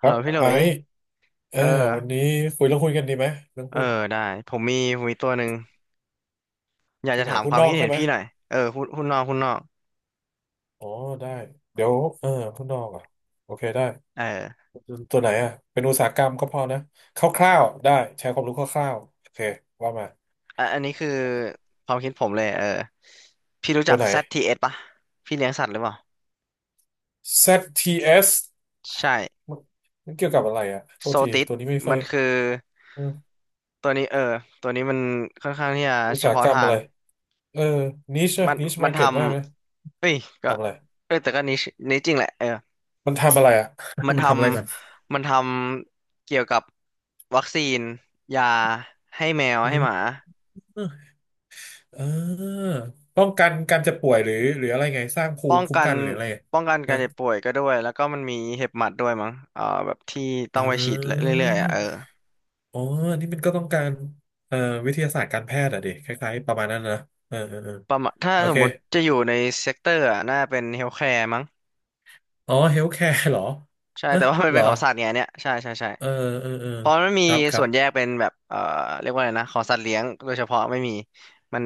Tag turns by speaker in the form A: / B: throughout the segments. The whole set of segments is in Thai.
A: ค
B: ฮัล
A: รั
B: โหล
A: บ
B: พี่หลุ
A: ไอ
B: ย
A: ซ์เอ
B: เอ
A: อ
B: อ
A: วันนี้คุยเรื่องหุ้นกันดีไหมเรื่อง
B: เออ
A: หุ้น
B: ได้ ผมมีตัวหนึ่งอยาก
A: ที่
B: จะ
A: ไหน
B: ถาม
A: หุ้
B: ค
A: น
B: วาม
A: นอ
B: คิ
A: ก
B: ด
A: ใช่
B: เห็น
A: ไหม
B: พี่หน่อย เออคุณนหุนนอกคุณนนอก
A: อ๋อได้เดี๋ยวเออหุ้นนอกอ่ะโอเคได้
B: เออ
A: ตัวไหนอ่ะเป็นอุตสาหกรรมก็พอนะคร่าวๆได้แชร์ความรู้คร่าวๆโอเคว่ามา
B: อ่ะอันนี้คือความคิดผมเลย พี่รู้
A: ตั
B: จั
A: ว
B: ก
A: ไหน
B: ZTS ปะพี่เลี้ยงสัตว์หรือเปล่า
A: ZTS
B: ใช่
A: มันเกี่ยวกับอะไรอ่ะโท
B: โซ
A: ษที
B: ติส
A: ตัวนี้ไม่ค่อ
B: มั
A: ย
B: นคือ
A: ออ
B: ตัวนี้ตัวนี้มันค่อนข้างที่จะ
A: อุต
B: เฉ
A: สาห
B: พาะ
A: กรรม
B: ทา
A: อะ
B: ง
A: ไรเออนิช
B: มัน
A: นิช
B: มั
A: มา
B: น
A: ร์
B: ท
A: เก็ตมากนะ
B: ำเอ้ย ก็
A: ทำอะไร
B: เอ้ยแต่ก็นิชจริงแหละ
A: มันทำอะไรอ่ะ
B: มัน
A: มั
B: ท
A: นทำอะไรก่อน
B: มันทำเกี่ยวกับวัคซีนยาให้แมว
A: อื
B: ให้หมา
A: ม เออป้องกันการจะป่วยหรืออะไรไงสร้างภู
B: ป้อ
A: มิ
B: ง
A: คุ้ม
B: กัน
A: กันหรืออะไร
B: ป้องกันการเจ็บป่วยก็ด้วยแล้วก็มันมีเห็บหมัดด้วยมั้งแบบที่
A: เ
B: ต้องไปฉีดเ
A: ออ
B: รื่อยๆอ่ะเออ
A: อ๋ออันนี่มันก็ต้องการเอ่อวิทยาศาสตร์การแพทย์อะดิคล้ายๆประมาณนั้นนะเออเออเออ
B: ประมาณถ้า
A: โอ
B: สม
A: เค
B: มุติจะอยู่ในเซกเตอร์อ่ะน่าเป็นเฮลท์แคร์มั้ง
A: อ๋อเฮลท์แคร์เหรอ
B: ใช่
A: ฮะ
B: แต่ว่ามัน
A: เหร
B: เป็
A: อ
B: นของสัตว์ไงเนี่ยใช่ใช่ใช่
A: เออเออเออ
B: เพราะมันมี
A: ครับ ครั
B: ส่
A: บ
B: วนแยกเป็นแบบเรียกว่าอะไรนะของสัตว์เลี้ยงโดยเฉพาะไม่มีมัน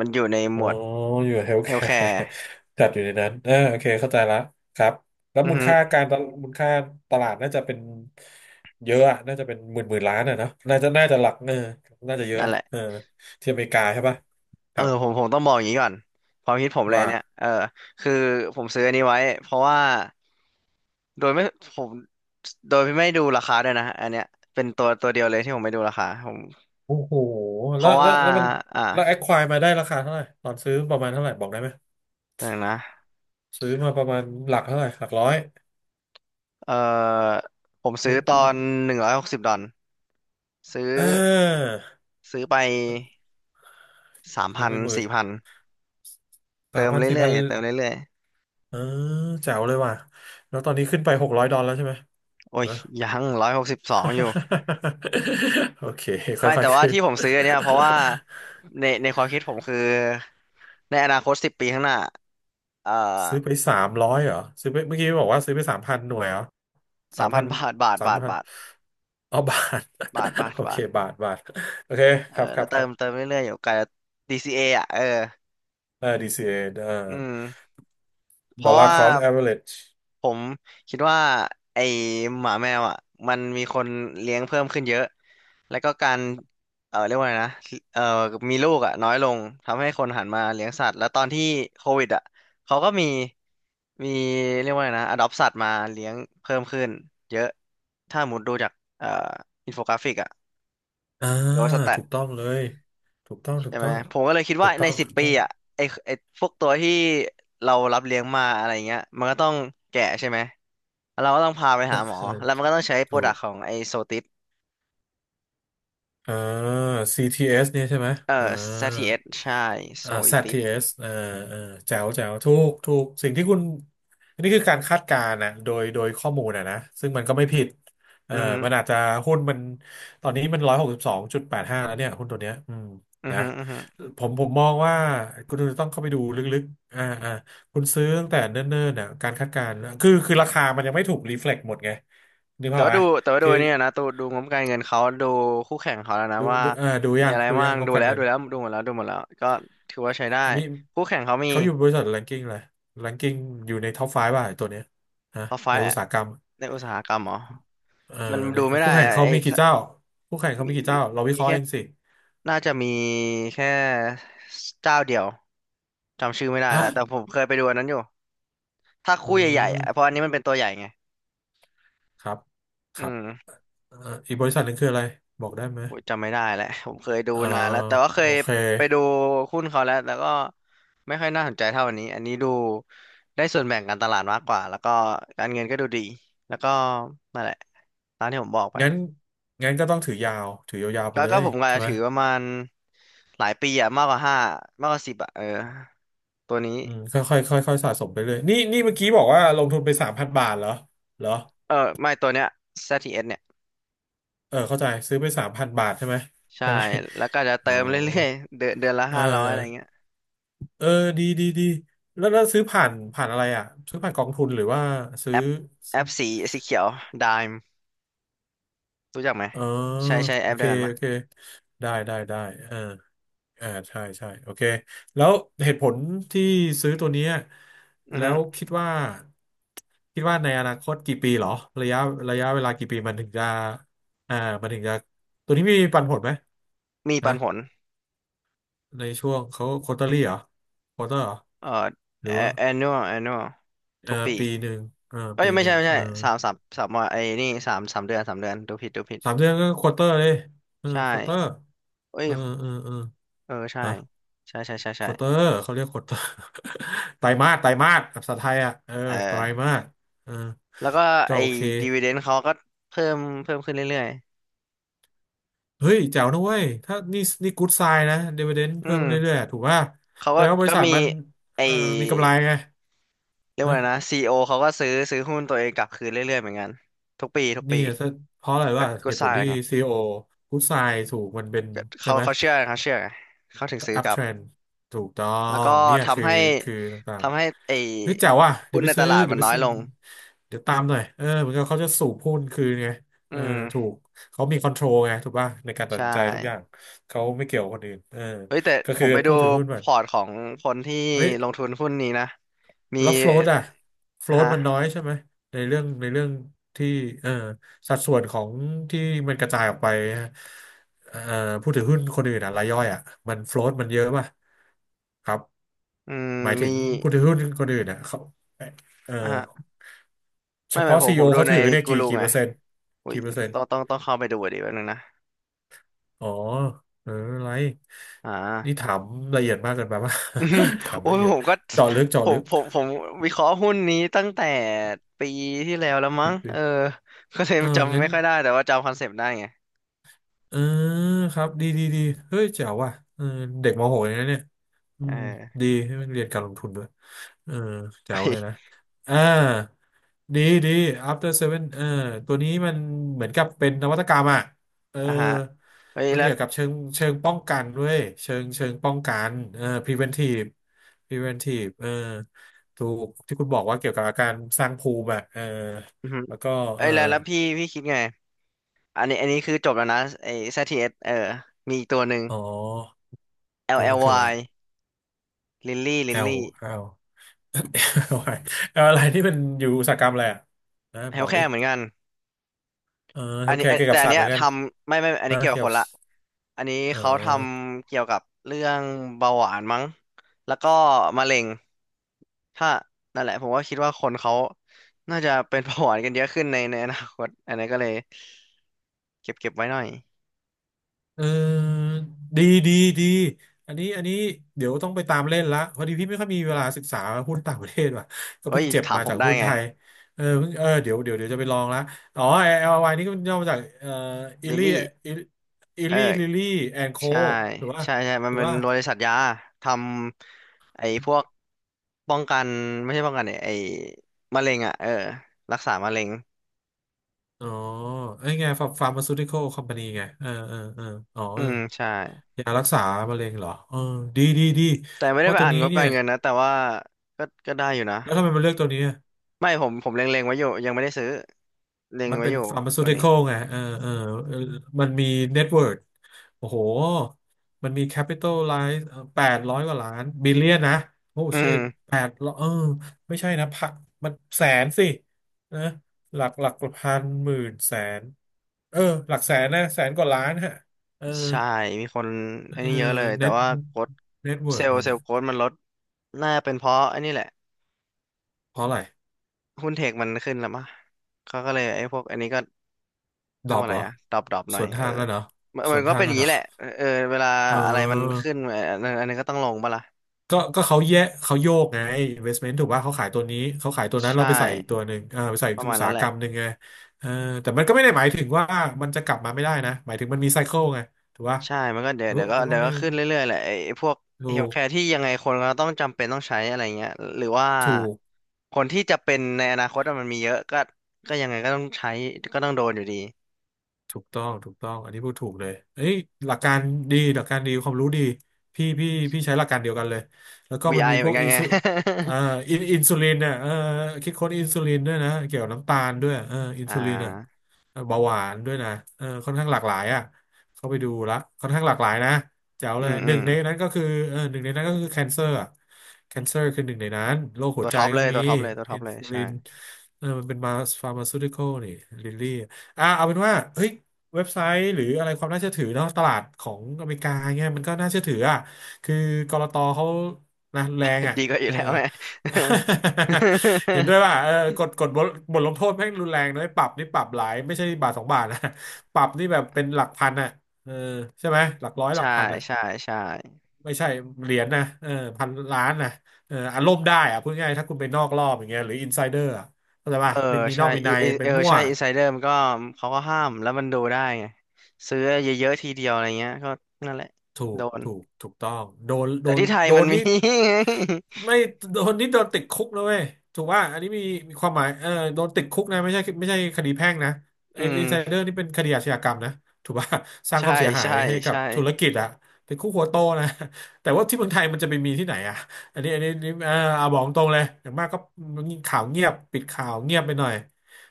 B: มันอยู่ในห
A: อ๋
B: ม
A: อ
B: วด
A: อยู่เฮลท์
B: เฮ
A: แค
B: ลท์แค
A: ร์
B: ร์
A: จัดอยู่ในนั้นเอ่าโอเคเข้าใจละครับแล้ว
B: อือ
A: มูล
B: ฮึ
A: ค่าการตลมูลค่าตลาดน่าจะเป็นเยอะอะน่าจะเป็นหมื่นหมื่นล้านอะเนอะน่าจะน่าจะหลักน่าจะเยอะ
B: นั่นแหละ
A: เออที่อเมริกาใช่ปะค
B: เออ
A: รับ
B: ผมผมต้องบอกอย่างนี้ก่อนความคิดผมเลย
A: ว่า
B: อันเนี่ยคือผมซื้ออันนี้ไว้เพราะว่าโดยไม่ผมโดยไม่ดูราคาด้วยนะอันเนี้ยเป็นตัวเดียวเลยที่ผมไม่ดูราคาผม
A: โอ้โห
B: เพราะว่า
A: แล้วมัน
B: อ่ะ
A: แอคควายมาได้ราคาเท่าไหร่ตอนซื้อประมาณเท่าไหร่บอกได้ไหม
B: อย่างนะ
A: ซื้อมาประมาณหลักเท่าไหร่หลักร้อย
B: เออผมซื้อตอ
A: เออ
B: น160 ดอลซื้อ
A: เอ
B: ซื้อไป
A: อ
B: สาม
A: ซื้อ
B: พั
A: ไป
B: น
A: หมื่น
B: สี่พัน
A: สา
B: เติ
A: ม
B: ม
A: พันสี่
B: เรื่
A: พั
B: อย
A: น
B: ๆเติมเรื่อย
A: เออแจ๋วเลยว่ะแล้วตอนนี้ขึ้นไปหกร้อยดอลแล้วใช่ไหม
B: ๆโอ้ย
A: นะ
B: ยัง162อยู่
A: โอเค
B: ไม่
A: ค่อย
B: แต่
A: ๆ
B: ว่า
A: ขึ้น
B: ที่ผมซื้ออันเนี่ยเพราะว่าในความคิดผมคือในอนาคตสิบปีข้างหน้าเอ่อ
A: ซื้อไปสามร้อยเหรอซื้อไปเมื่อกี้บอกว่าซื้อไปสามพันหน่วยเหรอสา
B: สา
A: ม
B: ม
A: พั
B: พัน
A: น
B: บาทบาท
A: สาม
B: บาท
A: พัน
B: บาท
A: อ๋อบาท
B: บาทบา ท
A: โอเค
B: บาท
A: บาทบาทโอเค
B: เอ
A: ค
B: อ
A: รับค
B: แล้
A: รั
B: ว
A: บค
B: เติ
A: รั
B: มเติ
A: บ
B: มเรื่อยๆอยู่ไกล DCA ออ่ะ
A: เออ DCA เอ
B: อืมเพราะ
A: dollar
B: ว่า
A: cost average
B: ผมคิดว่าไอหมาแมวอ่ะมันมีคนเลี้ยงเพิ่มขึ้นเยอะแล้วก็การเรียกว่าไงนะเออมีลูกอ่ะน้อยลงทำให้คนหันมาเลี้ยงสัตว์แล้วตอนที่โควิดอ่ะเขาก็มีเรียกว่าไงนะอดอปสัตว์มาเลี้ยงเพิ่มขึ้นเยอะถ้าหมุดดูจากเอ่ออินโฟกราฟิกอ่ะ
A: อ่า
B: หรือว่าสแตท
A: ถูกต้องเลยถูกต้องถูก
B: ใช่ไห
A: ต้
B: ม
A: อง
B: ผมก็เลยคิด
A: ถู
B: ว่า
A: กต้
B: ใน
A: อง
B: สิ
A: ถู
B: บ
A: ก
B: ปี
A: ต้อง
B: อ่ะไอไอพวกตัวที่เรารับเลี้ยงมาอะไรเงี้ยมันก็ต้องแก่ใช่ไหม เราก็ต้องพาไป
A: ใช่
B: หาหมอ
A: ใช่
B: แล้วมันก็ต้องใช้โปร
A: ถู
B: ดัก
A: ก
B: ต์ของไอโซติส
A: อ่า CTS เอสเนี่ยใช่ไหม
B: เอ่
A: อ่า
B: อซีทีเ t s ใช่โซ
A: อ่า
B: ติส
A: ZTS อสอ่าอ่าแจ๋วแจ๋วถูกถูกสิ่งที่คุณอันนี้คือการคาดการณ์นะโดยโดยข้อมูลนะนะซึ่งมันก็ไม่ผิดเอ่อ
B: อือฮึ
A: มันอาจจะหุ้นมันตอนนี้มันร้อยหกสิบสองจุดแปดห้าแล้วเนี่ยหุ้นตัวเนี้ยอืม
B: อือ
A: นะ
B: ฮึ
A: ผมผมมองว่าคุณต้องเข้าไปดูลึกๆอ่าอ่าคุณซื้อตั้งแต่เนิ่นๆน่ะการคาดการณ์คือคือราคามันยังไม่ถูกรีเฟล็กหมดไงนึก
B: แต่
A: ภาพ
B: ว่า
A: ไหม
B: ดูแต่ว่าดู
A: คือ
B: เนี่ยนะดูงบการเงินเขาดูคู่แข่งเขาแล้วนะ
A: ดู
B: ว่า
A: ดูอ่าดู
B: มี
A: ยัง
B: อะไร
A: ดู
B: บ้า
A: ยัง
B: ง
A: งบ
B: ดู
A: การ
B: แล้ว
A: เงิ
B: ดู
A: น
B: แล้วดูหมดแล้วก็ถือว่าใช้ได้
A: อามิ
B: คู่แข่งเขามี
A: เขาอยู่บริษัทแรงกิ้งเลยแรงกิ้งอยู่ในท็อปไฟว์ป่ะไอ้ตัวเนี้ยฮะ
B: พอไฟ
A: ในอุตสาหกรรม
B: ในอุตสาหกรรมเหรอ
A: เอ่อ
B: มัน
A: ใน
B: ดูไม่
A: คู่
B: ได้
A: แข่ง
B: อะ
A: เขา
B: ไอ
A: มีกี่
B: ถ้า
A: เจ้าคู่แข่งเขา
B: มี
A: มีกี่
B: มี
A: เจ้าเราวิเค
B: มี
A: ราะห์
B: แค่
A: เองสิ
B: น่าจะมีแค่เจ้าเดียวจำชื่อไม่ได้
A: ฮะ
B: แล้วแต่ผมเคยไปดูอันนั้นอยู่ถ้า
A: อื
B: คู่ใหญ่ๆอ่ะเพราะอั
A: ม
B: นนี้มันเป็นตัวใหญ่ไง
A: ครับค
B: อื
A: รับ
B: ม
A: เอ่ออีกบริษัทหนึ่งคืออะไรบอกได้ไหม
B: โหจำไม่ได้แหล้ว ผมเคยดู
A: เอ่อ
B: นานแล้วแต่ว่าเค
A: โอ
B: ย
A: เค
B: ไปดูหุ้นเขาแล้วแล้วก็ไม่ค่อยน่าสนใจเท่าอันนี้อันนี้ดูได้ส่วนแบ่งการตลาดมากกว่าแล้วก็การเงินก็ดูดีแล้วก็นั่นแหละตามที่ผมบอกไป
A: งั้นงั้นก็ต้องถือยาวถือยาวๆไป
B: ก็
A: เล
B: ก็
A: ย
B: ผมก็
A: ใช่ไหม
B: ถือประมาณหลายปีอะมากกว่าห้ามากกว่าสิบอะเออตัวนี้
A: อืมค่อยๆค่อยๆสะสมไปเลยนี่นี่เมื่อกี้บอกว่าลงทุนไปสามพันบาทเหรอเหรอ
B: เออไม่ตัวเนี้ย ZTS เอสเนี่ย
A: เออเข้าใจซื้อไปสามพันบาทใช่ไหม
B: ใช่
A: ใช่ไหม
B: แล้วก็จะ
A: อ๋อ
B: เติมเรื่อยๆเดือนเดือนละ
A: เอ
B: 500อะไร
A: อ
B: เงี้ย
A: เออดีดีดีแล้วแล้วซื้อผ่านผ่านอะไรอ่ะซื้อผ่านกองทุนหรือว่าซื้
B: แอ
A: อ
B: ปแอปสีสีเขียว Dime รู้จักไหม
A: เออ
B: ใช้ใช้แอ
A: โอ
B: ป
A: เค
B: เดียวกัน
A: โอเค
B: ปะ
A: ได้ได้ได้เออเอาใช่ใช่โอเคแล้วเหตุผลที่ซื้อตัวเนี้ย
B: อือ
A: แล้
B: ฮึ
A: วคิดว่าคิดว่าในอนาคตกี่ปีเหรอระยะระยะเวลากี่ปีมันถึงจะอ่ามันถึงจะตัวนี้มีปันผลไหม
B: มีปั
A: ฮะ
B: นผล
A: ในช่วงเขาควอเตอรี่เหรอควอเตอร์เหรอ
B: เอ่อ
A: หรือว่า
B: a- annual annual
A: เออ
B: ทุกปี
A: ปีหนึ่งเออ
B: เอ้ย
A: ปี
B: ไม่
A: หนึ่
B: ใช่
A: ง
B: ไม่
A: เอ
B: ใช่
A: อ
B: สามว่าไอ้นี่สามเดือนสามเดือนดูผิด
A: สามเดือนก็ควอเตอร์เลยเออ
B: ใช่
A: ควอเตอร์
B: เอ้
A: เอ
B: ย
A: อเออเออ
B: เออใช่
A: ฮะ
B: ใช่ใช่ใช่
A: ค
B: ใช่
A: วอเตอร์เขาเรียกควอเตอร์ ไตรมาสไตรมาสภาษาไทยอ่ะเออ
B: เออ
A: ไตรมาสเออ
B: แล้วก็
A: ก็
B: ไอ้
A: โอเค
B: ดีว i เดน d เขาก็เพิ่มเพิ่มขึ้นเรื่อย
A: เฮ้ยแจ๋วนะเว้ยถ้านี่นี่กู๊ดไซน์นะดิวเดน
B: ๆอื
A: เพิ่ม
B: ม
A: เรื่อยๆถูกป่ะ
B: เขา
A: แสด
B: ก็
A: งว่าบริ
B: ก็
A: ษัท
B: มี
A: มัน
B: ไอ้
A: เอ่อมีกำไรไง
B: เรียกว่าอะไรนะซีโอเขาก็ซื้อหุ้นตัวเองกลับคืนเรื่อยๆเหมือนกันทุกปีทุก
A: นี่
B: ปี
A: อะเพราะอะไร
B: ก็
A: ว่าเห
B: ก็
A: ตุ
B: ส
A: ผล
B: ร้าง
A: ที่
B: ไง
A: ซีอีโอพุทไซถูกมันเป็น
B: ก็
A: ใช่
B: เขา
A: ไหม
B: เขาเชื่อไงเขาเชื่อไงเขาถึงซื้อ
A: อัพ
B: กลั
A: เท
B: บ
A: รนถูกต้อ
B: แล้วก็
A: งเนี่ยคือ
B: ทำให้
A: คือต่าง
B: ทำให้ไอ้
A: ๆเฮ้ยแจ๋วว่ะเดี๋ย
B: หุ้
A: ว
B: น
A: ไป
B: ในต
A: ซื้อ
B: ลาด
A: เดี๋
B: มั
A: ยว
B: น
A: ไป
B: น้อย
A: ซื้อ
B: ลง
A: เดี๋ยวตามหน่อยเออเหมือนกับเขาจะสูบหุ้นคืนไง
B: อื
A: เออถู
B: ม
A: กเขามีคอนโทรลไงถูกป่ะในการตัด
B: ใช่
A: สินใจทุกอย่างเขาไม่เกี่ยวกับคนอื่นเออ
B: เฮ้ยแต่
A: ก็
B: ผ
A: คือ
B: มไปดู
A: ผู้ถือหุ้นแบ
B: พ
A: บ
B: อร์ตของคนที่
A: เฮ้ย
B: ลงทุนหุ้นนี้นะ มี
A: แล้วโฟลตอะโฟลต
B: ฮะ
A: มันน้อยใช่ไหมในเรื่องในเรื่องที่เอ่อสัดส่วนของที่มันกระจายออกไปฮะเอ่อผู้ถือหุ้นคนอื่นอะรายย่อยอะมันโฟล t มันเยอะป่ะครับ
B: อืม
A: หมายถึ
B: มี
A: งผู้ถือหุ้นคนอื่นอะเขาเอ่อ
B: อ่ะฮะ
A: เฉ
B: ไม่
A: พาะ
B: ผ
A: ซี
B: ม
A: อี
B: ผ
A: โอ
B: มดู
A: เขา
B: ใน
A: ถือเนี่ย
B: กู
A: กี่
B: รู
A: กี่
B: ไง
A: เปอร์เซ็นต์
B: อุ้ย
A: กี่เปอร์เซ็นต์
B: ต้องเข้าไปดูดีแป๊บนึงนะ
A: อ๋อเอออะไร
B: อ่
A: นี่
B: า
A: ถามละเอียดมากเกินไป ป่ะ ถา ม
B: โอ้
A: ละ
B: ย
A: เอียด
B: ผมก็
A: เจาะลึกเจาะ
B: ผ
A: ลึ
B: ม
A: ก
B: ผมผมวิเคราะห์หุ้นนี้ตั้งแต่ปีที่แล้วแล้ว
A: คิ
B: มั้ง
A: ดด
B: เออก็เลย
A: เออ
B: จำ
A: งั้น
B: ไม่ค่อยได้แต่ว่าจำคอนเซปต์ได้ไง
A: เออครับดีดีดีเฮ้ยเจ๋วว่ะเออเด็กมหกเลยนะเนี่ยอื
B: เ
A: ม
B: ออ
A: ดีให้มันเรียนการลงทุนด้วยเออเจ๋วเลยนะอ่าดีดี After Seven เออตัวนี้มันเหมือนกับเป็นนวัตกรรมอ่ะเออ
B: อ่ะฮะเฮ้ย
A: มัน
B: แล้ว
A: เกี่ยวกับเชิงป้องกันด้วยเชิงป้องกันเออ preventive preventive เออถูกที่คุณบอกว่าเกี่ยวกับอาการสร้างภูมิอ่ะเออ
B: อือหือ
A: แล้วก็
B: เอ้
A: เอ
B: ย
A: อ
B: แล้วแล้วพี่คิดไงอันนี้คือจบแล้วนะไอ้ ZTS เอสเออมีอีกตัวหนึ่ง
A: อ๋อตัวนึงคืออะไร
B: LLY Lily
A: L L เอาอะไรเอาอะไรที่มันอยู่อุตสาหกรรมอะไรอ่ะนะ
B: เฮ
A: บ
B: ล
A: อกดิ
B: แค่เหมือนกัน
A: เออ
B: อั
A: โอ
B: น
A: เค
B: นี้
A: เกี่ยว
B: แต่
A: กับ
B: อัน
A: สัตว์
B: เนี้
A: เห
B: ย
A: มือนกั
B: ท
A: น
B: ำไม่อัน
A: นะ
B: นี้เกี่ยวกั
A: เกี่ย
B: บ
A: ว
B: ค
A: กับ
B: นละอันนี้
A: เอ
B: เขาท
A: อ
B: ำเกี่ยวกับเรื่องเบาหวานมั้งแล้วก็มะเร็งถ้านั่นแหละผมก็คิดว่าคนเขาน่าจะเป็นเบาหวานกันเยอะขึ้นในอนาคตอันนี้ก็เลยเก็บไว้หน่อย
A: เออดีดีดีอันนี้อันนี้เดี๋ยวต้องไปตามเล่นละพอดีพี่ไม่ค่อยมีเวลาศึกษาหุ้นต่างประเทศว่ะก็
B: เอ้
A: เพิ่ง
B: ย
A: เจ็บ
B: ถาม
A: มา
B: ผ
A: จา
B: ม
A: ก
B: ได้
A: หุ้น
B: ไง
A: ไทยเออเพิ่งเออเดี๋ยวเดี๋ยวเดี๋ยวจะไปลองละอ๋อแอ LLY นี่ก็มันย่อมาจากอิ
B: ลิล
A: ลี่
B: ลี่
A: อิ
B: เออ
A: ลี่ลิลี่แอนโค
B: ใช่
A: หรือว่า
B: ใช่ใช่มั
A: ห
B: น
A: รือ
B: เป็น
A: ว่า
B: บริษัทยาทำไอ้พวกป้องกันไม่ใช่ป้องกันเนี่ยไอ้มะเร็งอ่ะเออรักษามะเร็ง
A: อ๋อไอ้ไงฟาร์มาซูติคอลคอมพานีไงเออเออเอออ๋อ
B: อืมใช่
A: ยารักษามะเร็งเหรอเออดีดีดี
B: แต่ไม่
A: เพ
B: ได้
A: ราะ
B: ไป
A: ตัว
B: อ่าน
A: นี้
B: งบ
A: เนี่
B: กา
A: ย
B: รเงินนะแต่ว่าก็ได้อยู่นะ
A: แล้วทำไมมันเลือกตัวนี้อะ
B: ไม่ผมเล็งๆไว้อยู่ยังไม่ได้ซื้อเล็ง
A: มัน
B: ไว้
A: เป็น
B: อยู่
A: ฟาร์มาซู
B: ตัว
A: ติค
B: นี้
A: อลไงเออเออเออมันมีเน็ตเวิร์โอ้โหมันมีแคปิตอลไลซ์แปดร้อยกว่าล้านบิลเลียนนะ โอ้
B: อื
A: ชิต
B: ม
A: แปดร้อยเออไม่ใช่นะพักมันแสนสินะหลักหลักพันหมื่นแสนเออหลักแสนนะแสนกว่าล้านฮะเออ
B: ใช่มีคน
A: เออ
B: อันนี้เยอะเลยแต่
A: เน็ต
B: ว่าโค้ด
A: เน็ตเวิ
B: เซ
A: ร์
B: ลล์
A: มัน
B: เซล
A: อะ
B: ล์โค้ดมันลดน่าเป็นเพราะอันนี้แหละ
A: เพราะอะไร
B: หุ้นเทคมันขึ้นแล้วมั้เขาก็เลยไอ้พวกอันนี้ก็
A: ด
B: เรี
A: ร
B: ยก
A: อป
B: ว่าอะ
A: เหร
B: ไร
A: อ
B: อะดรอปห
A: ส
B: น่อย
A: วน
B: เอ
A: ทา
B: อ
A: งกันเหรอ
B: มัน
A: ส
B: มั
A: ว
B: น
A: น
B: ก็
A: ทาง
B: เป็นอ
A: กั
B: ย่า
A: น
B: ง
A: เหร
B: นี้
A: อ
B: แหละเออเวลา
A: เอ
B: อะไรมัน
A: อ
B: ขึ้นเอออันนั้นก็ต้องลงปะล่ะ
A: ก็ก็เขาแยกเขาโยกไง investment ถูกป่ะเขาขายตัวนี้เขาขายตัวนั้น
B: ใช่
A: เราไปใส่อีกตัวหนึ่งอ่าไปใส่อี
B: ป
A: ก
B: ระมา
A: อุ
B: ณ
A: ตสา
B: นั้
A: ห
B: นแห
A: กร
B: ละ
A: รมหนึ่งไงเออแต่มันก็ไม่ได้หมายถึงว่ามันจะกลับมาไม่ได้นะหมายถึงมันมีไซเคิลไงถูกป่ะ
B: ใช่มันก็เดี๋ย
A: ไอ้
B: ว
A: พว
B: เดี๋ย
A: ก
B: วก็
A: ไอ้พว
B: เดี๋
A: ก
B: ยวก็
A: นี้
B: ขึ้นเรื่อยๆแหละไอ้พวกเฮ
A: ถู
B: ล
A: ก
B: ท์แคร์ที่ยังไงคนก็ต้องจำเป็นต้องใช้อะไรเงี้ยหรือว่า
A: ถูก
B: คนที่จะเป็นในอนาคตอะมันมีเยอะก็ก็ยังไงก็ต้องใช้ก็ต้องโดนอยู่ดี
A: ถูกต้องถูกต้องอันนี้พูดถูกเลยเอ้ยหลักการดีหลักการดีความรู้ดีพี่พี่พี่ใช้หลักการเดียวกันเลยแล้วก็มัน
B: VI
A: มี
B: เห
A: พ
B: มื
A: ว
B: อน
A: ก
B: กัน
A: อิน
B: ไง
A: ซูอ่าอินซูลินเนี่ยเออคิดค้นอินซูลินด้วยนะเกี่ยวกับน้ำตาลด้วยเอออิ น
B: อ่า
A: ซูลินอ่ะเบาหวานด้วยนะเออค่อนข้างหลากหลายอ่ะเข้าไปดูละค่อนข้างหลากหลายนะแจ๋ว
B: อื
A: เลย
B: ม
A: ห
B: อื
A: นึ่ง
B: ม
A: ในนั้นก็คือเออหนึ่งในนั้นก็คือแคนเซอร์อ่ะแคนเซอร์คือหนึ่งในนั้นโรคหั
B: ตั
A: ว
B: ว
A: ใจ
B: ท็อป
A: ก็
B: เลย
A: มี
B: ตัวท็อปเลยตัวท็
A: อิ
B: อป
A: น
B: เลย
A: ซูลิ
B: ใช่
A: นเออมันเป็นมาฟาร์มาซูติคอลนี่ลิลลี่ อ่าเอาเป็นว่าเฮ้ยเว็บไซต์หรืออะไรความน่าเชื่อถือเนาะตลาดของอเมริกาเงี้ยมันก็น่าเชื่อถืออ่ะคือกลตเขานะแรง อ่ะ
B: ดีกว่าอ
A: เอ
B: ยู่
A: อ
B: แล้วแม่
A: เห็นด้วยว่า เออกฎบทลงโทษแม่งรุนแรงนะปรับนี่ปรับหลายไม่ใช่บาทสองบาทนะ ปรับนี่แบบเป็นหลักพันอ่ะเออใช่ไหมหลักร้อยหลัก
B: ใช่
A: พันอ่ะ
B: ใช่ใช่
A: ไม่ใช่เหรียญนะเออพันล้านนะเอออารมณ์ได้อ่ะพูดง่ายๆถ้าคุณไปนอกรอบอย่างเงี้ยหรืออินไซเดอร์อ่ะเข้าใจป่ะ
B: เออ
A: มันมีน
B: ใช่
A: อกมี
B: อิ
A: ใน
B: อิ
A: ไป
B: เออ
A: มั่ว
B: ใช่อินไซเดอร์มันก็เขาก็ห้ามแล้วมันดูได้ไงซื้อเยอะๆทีเดียวอะไรเงี้ยก็นั่นแหละ
A: ถู
B: โด
A: ก
B: น
A: ถูกถูกต้อง โดนโด
B: แต่
A: น
B: ที่ไทย
A: โด
B: มั
A: น
B: น
A: นี่
B: มี
A: ไม่โดนนี่โดนติดคุกนะเว้ยถูกว่าอันนี้มีมีความหมายเออโดนติดคุกนะไม่ใช่ไม่ใช่คดีแพ่งนะ ไอ้
B: อื
A: อิ
B: ม
A: นไซเดอร์นี่เป็นคดีอาชญากรรมนะถูกป่ะ สร้างค
B: ใช่
A: วามเสียหาย
B: ใช่
A: ให้กับ
B: ใช่
A: ธุรกิจอะติดคุกหัวโตนะแต่ว่าที่เมืองไทยมันจะไปมีที่ไหนอะอันนี้อันนี้นี่เออเอาบอกตรงเลย อย่างมากก็ข่าวเงียบปิดข่าวเงียบไปหน่อย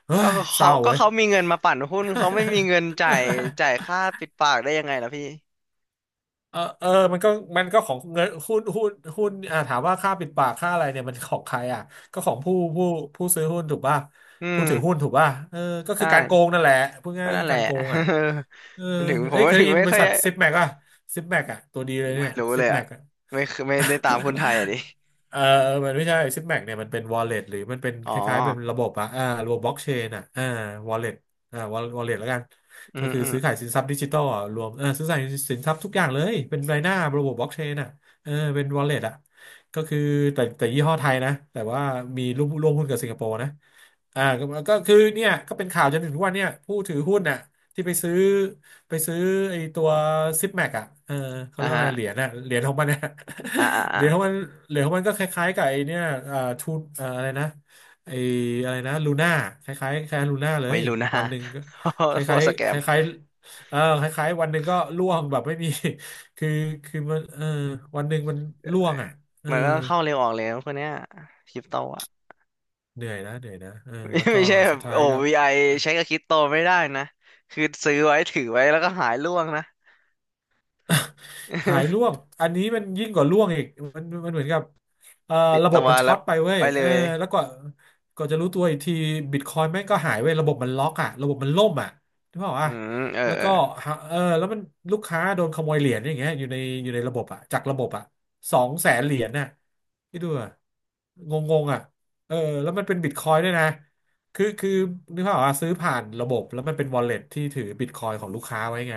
A: เฮ้
B: ก็
A: ยเศ
B: เขา
A: ร้า
B: ก็
A: เว้ย
B: เขามีเงินมาปั่นหุ้นเขาไม่มีเงินจ่ายจ่ายค่าปิดปากได้ยังไงล่ะพี่
A: เออเออมันก็มันก็ของเงินหุ้นหุ้นหุ้นอ่าถามว่าค่าปิดปากค่าอะไรเนี่ยมันของใครอ่ะก็ของผู้ผู้ซื้อหุ้นถูกป่ะ
B: อื
A: ผู้ถือหุ้น
B: ม
A: ถูกป่ะเออก็
B: ใช่
A: คือการโกงนั่นแหละพูดง่า
B: ก็
A: ยๆก็
B: นั่น
A: คือ
B: แหละ
A: การโกงอ่ะเออ
B: มันถึงผ
A: เอ้
B: ม
A: ยเค
B: ว่า
A: ย
B: ถึ
A: ได้
B: ง
A: ยิน
B: ไม่
A: บริ
B: ค่อย
A: ษัทซิปแม็กอ่ะซิปแม็กอ่ะตัวดีเลย
B: ไม่
A: เนี่ย
B: รู้
A: ซิ
B: เล
A: ป
B: ย
A: แม็
B: อ่ะ
A: ก
B: ไม่เคยไม่ได้ตามคนไทยอ่ะดิ
A: เออมันไม่ใช่ซิปแม็กเนี่ยมันเป็นวอลเล็ตหรือมันเป็น
B: อ๋
A: ค
B: อ
A: ล้ายๆเป็นระบบอะอ่าระบบบล็อกเชนอะอ่าวอลเล็ตอ่าวอลเล็ตแล้วกัน
B: อื
A: ก็
B: ม
A: คือ
B: อืม
A: ซื้อขายสินทรัพย์ดิจิทัลอะรวมเออซื้อขายสินทรัพย์ทุกอย่างเลยเป็นรายหน้าระบบบล็อกเชนอะเออเป็นวอลเล็ตอะก็คือแต่แต่ยี่ห้อไทยนะแต่ว่ามีร่วมหุ้นกับสิงคโปร์นะ อ่าก็ก็คือเนี่ยก็เป็นข่าวจนถึงทุกวันเนี่ยผู้ถือหุ้นน่ะที่ไปซื้อไอ้ตัวซิปแม็กอ่ะเออเขา
B: อ่ะ
A: เรียกว่าอะ
B: ฮะ
A: ไรเหรียญน่ะเหรียญของมันน่ะ
B: อ่ะอ่ะ
A: เห
B: อ่ะ
A: รียญของมันเหรียญของมันก็คล้ายๆกับไอ้เนี่ยอ่าทูอ่าอะไรนะไอ้อะไรนะลูน่าคล้ายๆคล้ายลูน่าเล
B: ไว้
A: ย
B: ลูน่า
A: วันหนึ่งก็ค
B: โคต
A: ล้า
B: ร
A: ย
B: สแก
A: ๆค
B: ม
A: ล้ายๆเออคล้ายๆวันหนึ่งก็ร่วงแบบไม่มี คือคือมันเออวันหนึ่งมันร่วงอ่ะเออ
B: มันก็ต้องเข้าเร็วออกเร็วพวกเนี้ยคริปโตอ่ะ
A: เหนื่อยนะเออ
B: ไม่
A: แล้วก็
B: ไม่ใช่แบ
A: สุ
B: บ
A: ดท้า
B: โอ้
A: ยก็
B: VI ใช้กับคริปโตไม่ได้นะ คือซื้อไว้ถือไว้แล้วก็หายล่วงนะ
A: หายร่วง อันนี้มันยิ่งกว่าร่วงอีกมันเหมือนกับเอ่อ
B: ปิด
A: ระบ
B: ตั
A: บ
B: ว
A: มันช็
B: แล้
A: อ
B: ว
A: ตไปเว้ย
B: ไปเล
A: เออ
B: ย
A: แล้วก็ก็จะรู้ตัวอีกทีบิตคอยน์แม่งก็หายเว้ยระบบมันล็อกอ่ะระบบมันล่มอ่ะถูกเปล่า
B: อื
A: อ่ะ
B: ม เออ
A: แล้ว
B: เออ
A: ก็หาเออแล้วมันลูกค้าโดนขโมยเหรียญอย่างเงี้ยอยู่ในระบบอ่ะจากระบบอ่ะสองแสนเหรียญน่ะที่ดูอะงงงๆอ่ะเออแล้วมันเป็นบิตคอยน์ด้วยนะคือนึกภาพออกอ่ะซื้อผ่านระบบแล้วมันเป็นวอลเล็ตที่ถือบิตคอยน์ของลูกค้าไว้ไง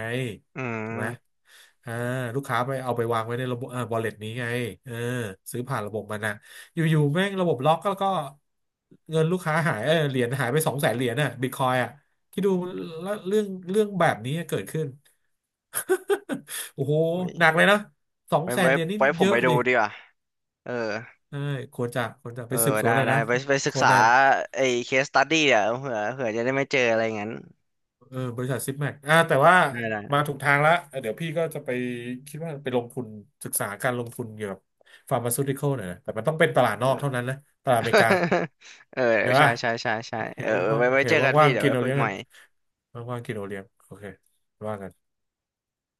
B: อื
A: ถูกไหม
B: ม
A: อ่าลูกค้าไปเอาไปวางไว้ในระบบอ่า wallet นี้ไงเออซื้อผ่านระบบมันนะอยู่ๆแม่งระบบล็อกแล้วก็เงินลูกค้าหายเออเหรียญหายไปสองแสนเหรียญน่ะบิตคอยอ่ะคิดดูแล้วเรื่องแบบนี้เกิดขึ้น โอ้โห
B: โอ้ย
A: หนักเลยนะสอง
B: ไว้
A: แสน
B: ไว้
A: เหรียญนี่
B: ไว้ผ
A: เย
B: ม
A: อะ
B: ไปดู
A: ดิ
B: ดีกว่า เออ
A: เออควรจะ
B: เอ
A: ไป
B: อ
A: สืบสว
B: ได้
A: นหน่อย
B: ได้
A: นะ
B: ไป
A: โค
B: ศึกษา
A: นัน
B: ไอ้เคสตัดดี้อ่ะเผื่อจะได้ไม่เจออะไรงั้น
A: เออบริษัทซิปแม็กอ่าแต่ว่า
B: ได้ได้
A: มาถูกทางแล้วเดี๋ยวพี่ก็จะไปคิดว่าไปลงทุนศึกษาการลงทุนเกี่ยวกับฟาร์มาซูติคอลหน่อยนะแต่มันต้องเป็นตลาดน
B: เอ
A: อก
B: อ
A: เท่านั้นนะตลาดอเมริกา
B: เออ
A: ใช่
B: ใช่
A: ป่ะ
B: ใช่ใช่ใช่
A: โอเห็
B: เอ
A: น
B: อเออ
A: ว่า
B: ไว้
A: โอ
B: ไว้
A: เค
B: เจอกัน
A: ว่า
B: พี่
A: งๆ
B: เดี๋ยว
A: กิน
B: ไว้
A: เอา
B: คุย
A: เลี้ยง
B: ให
A: กั
B: ม่
A: นว่างๆกินเอาเลี้ยงโอเคว่ากัน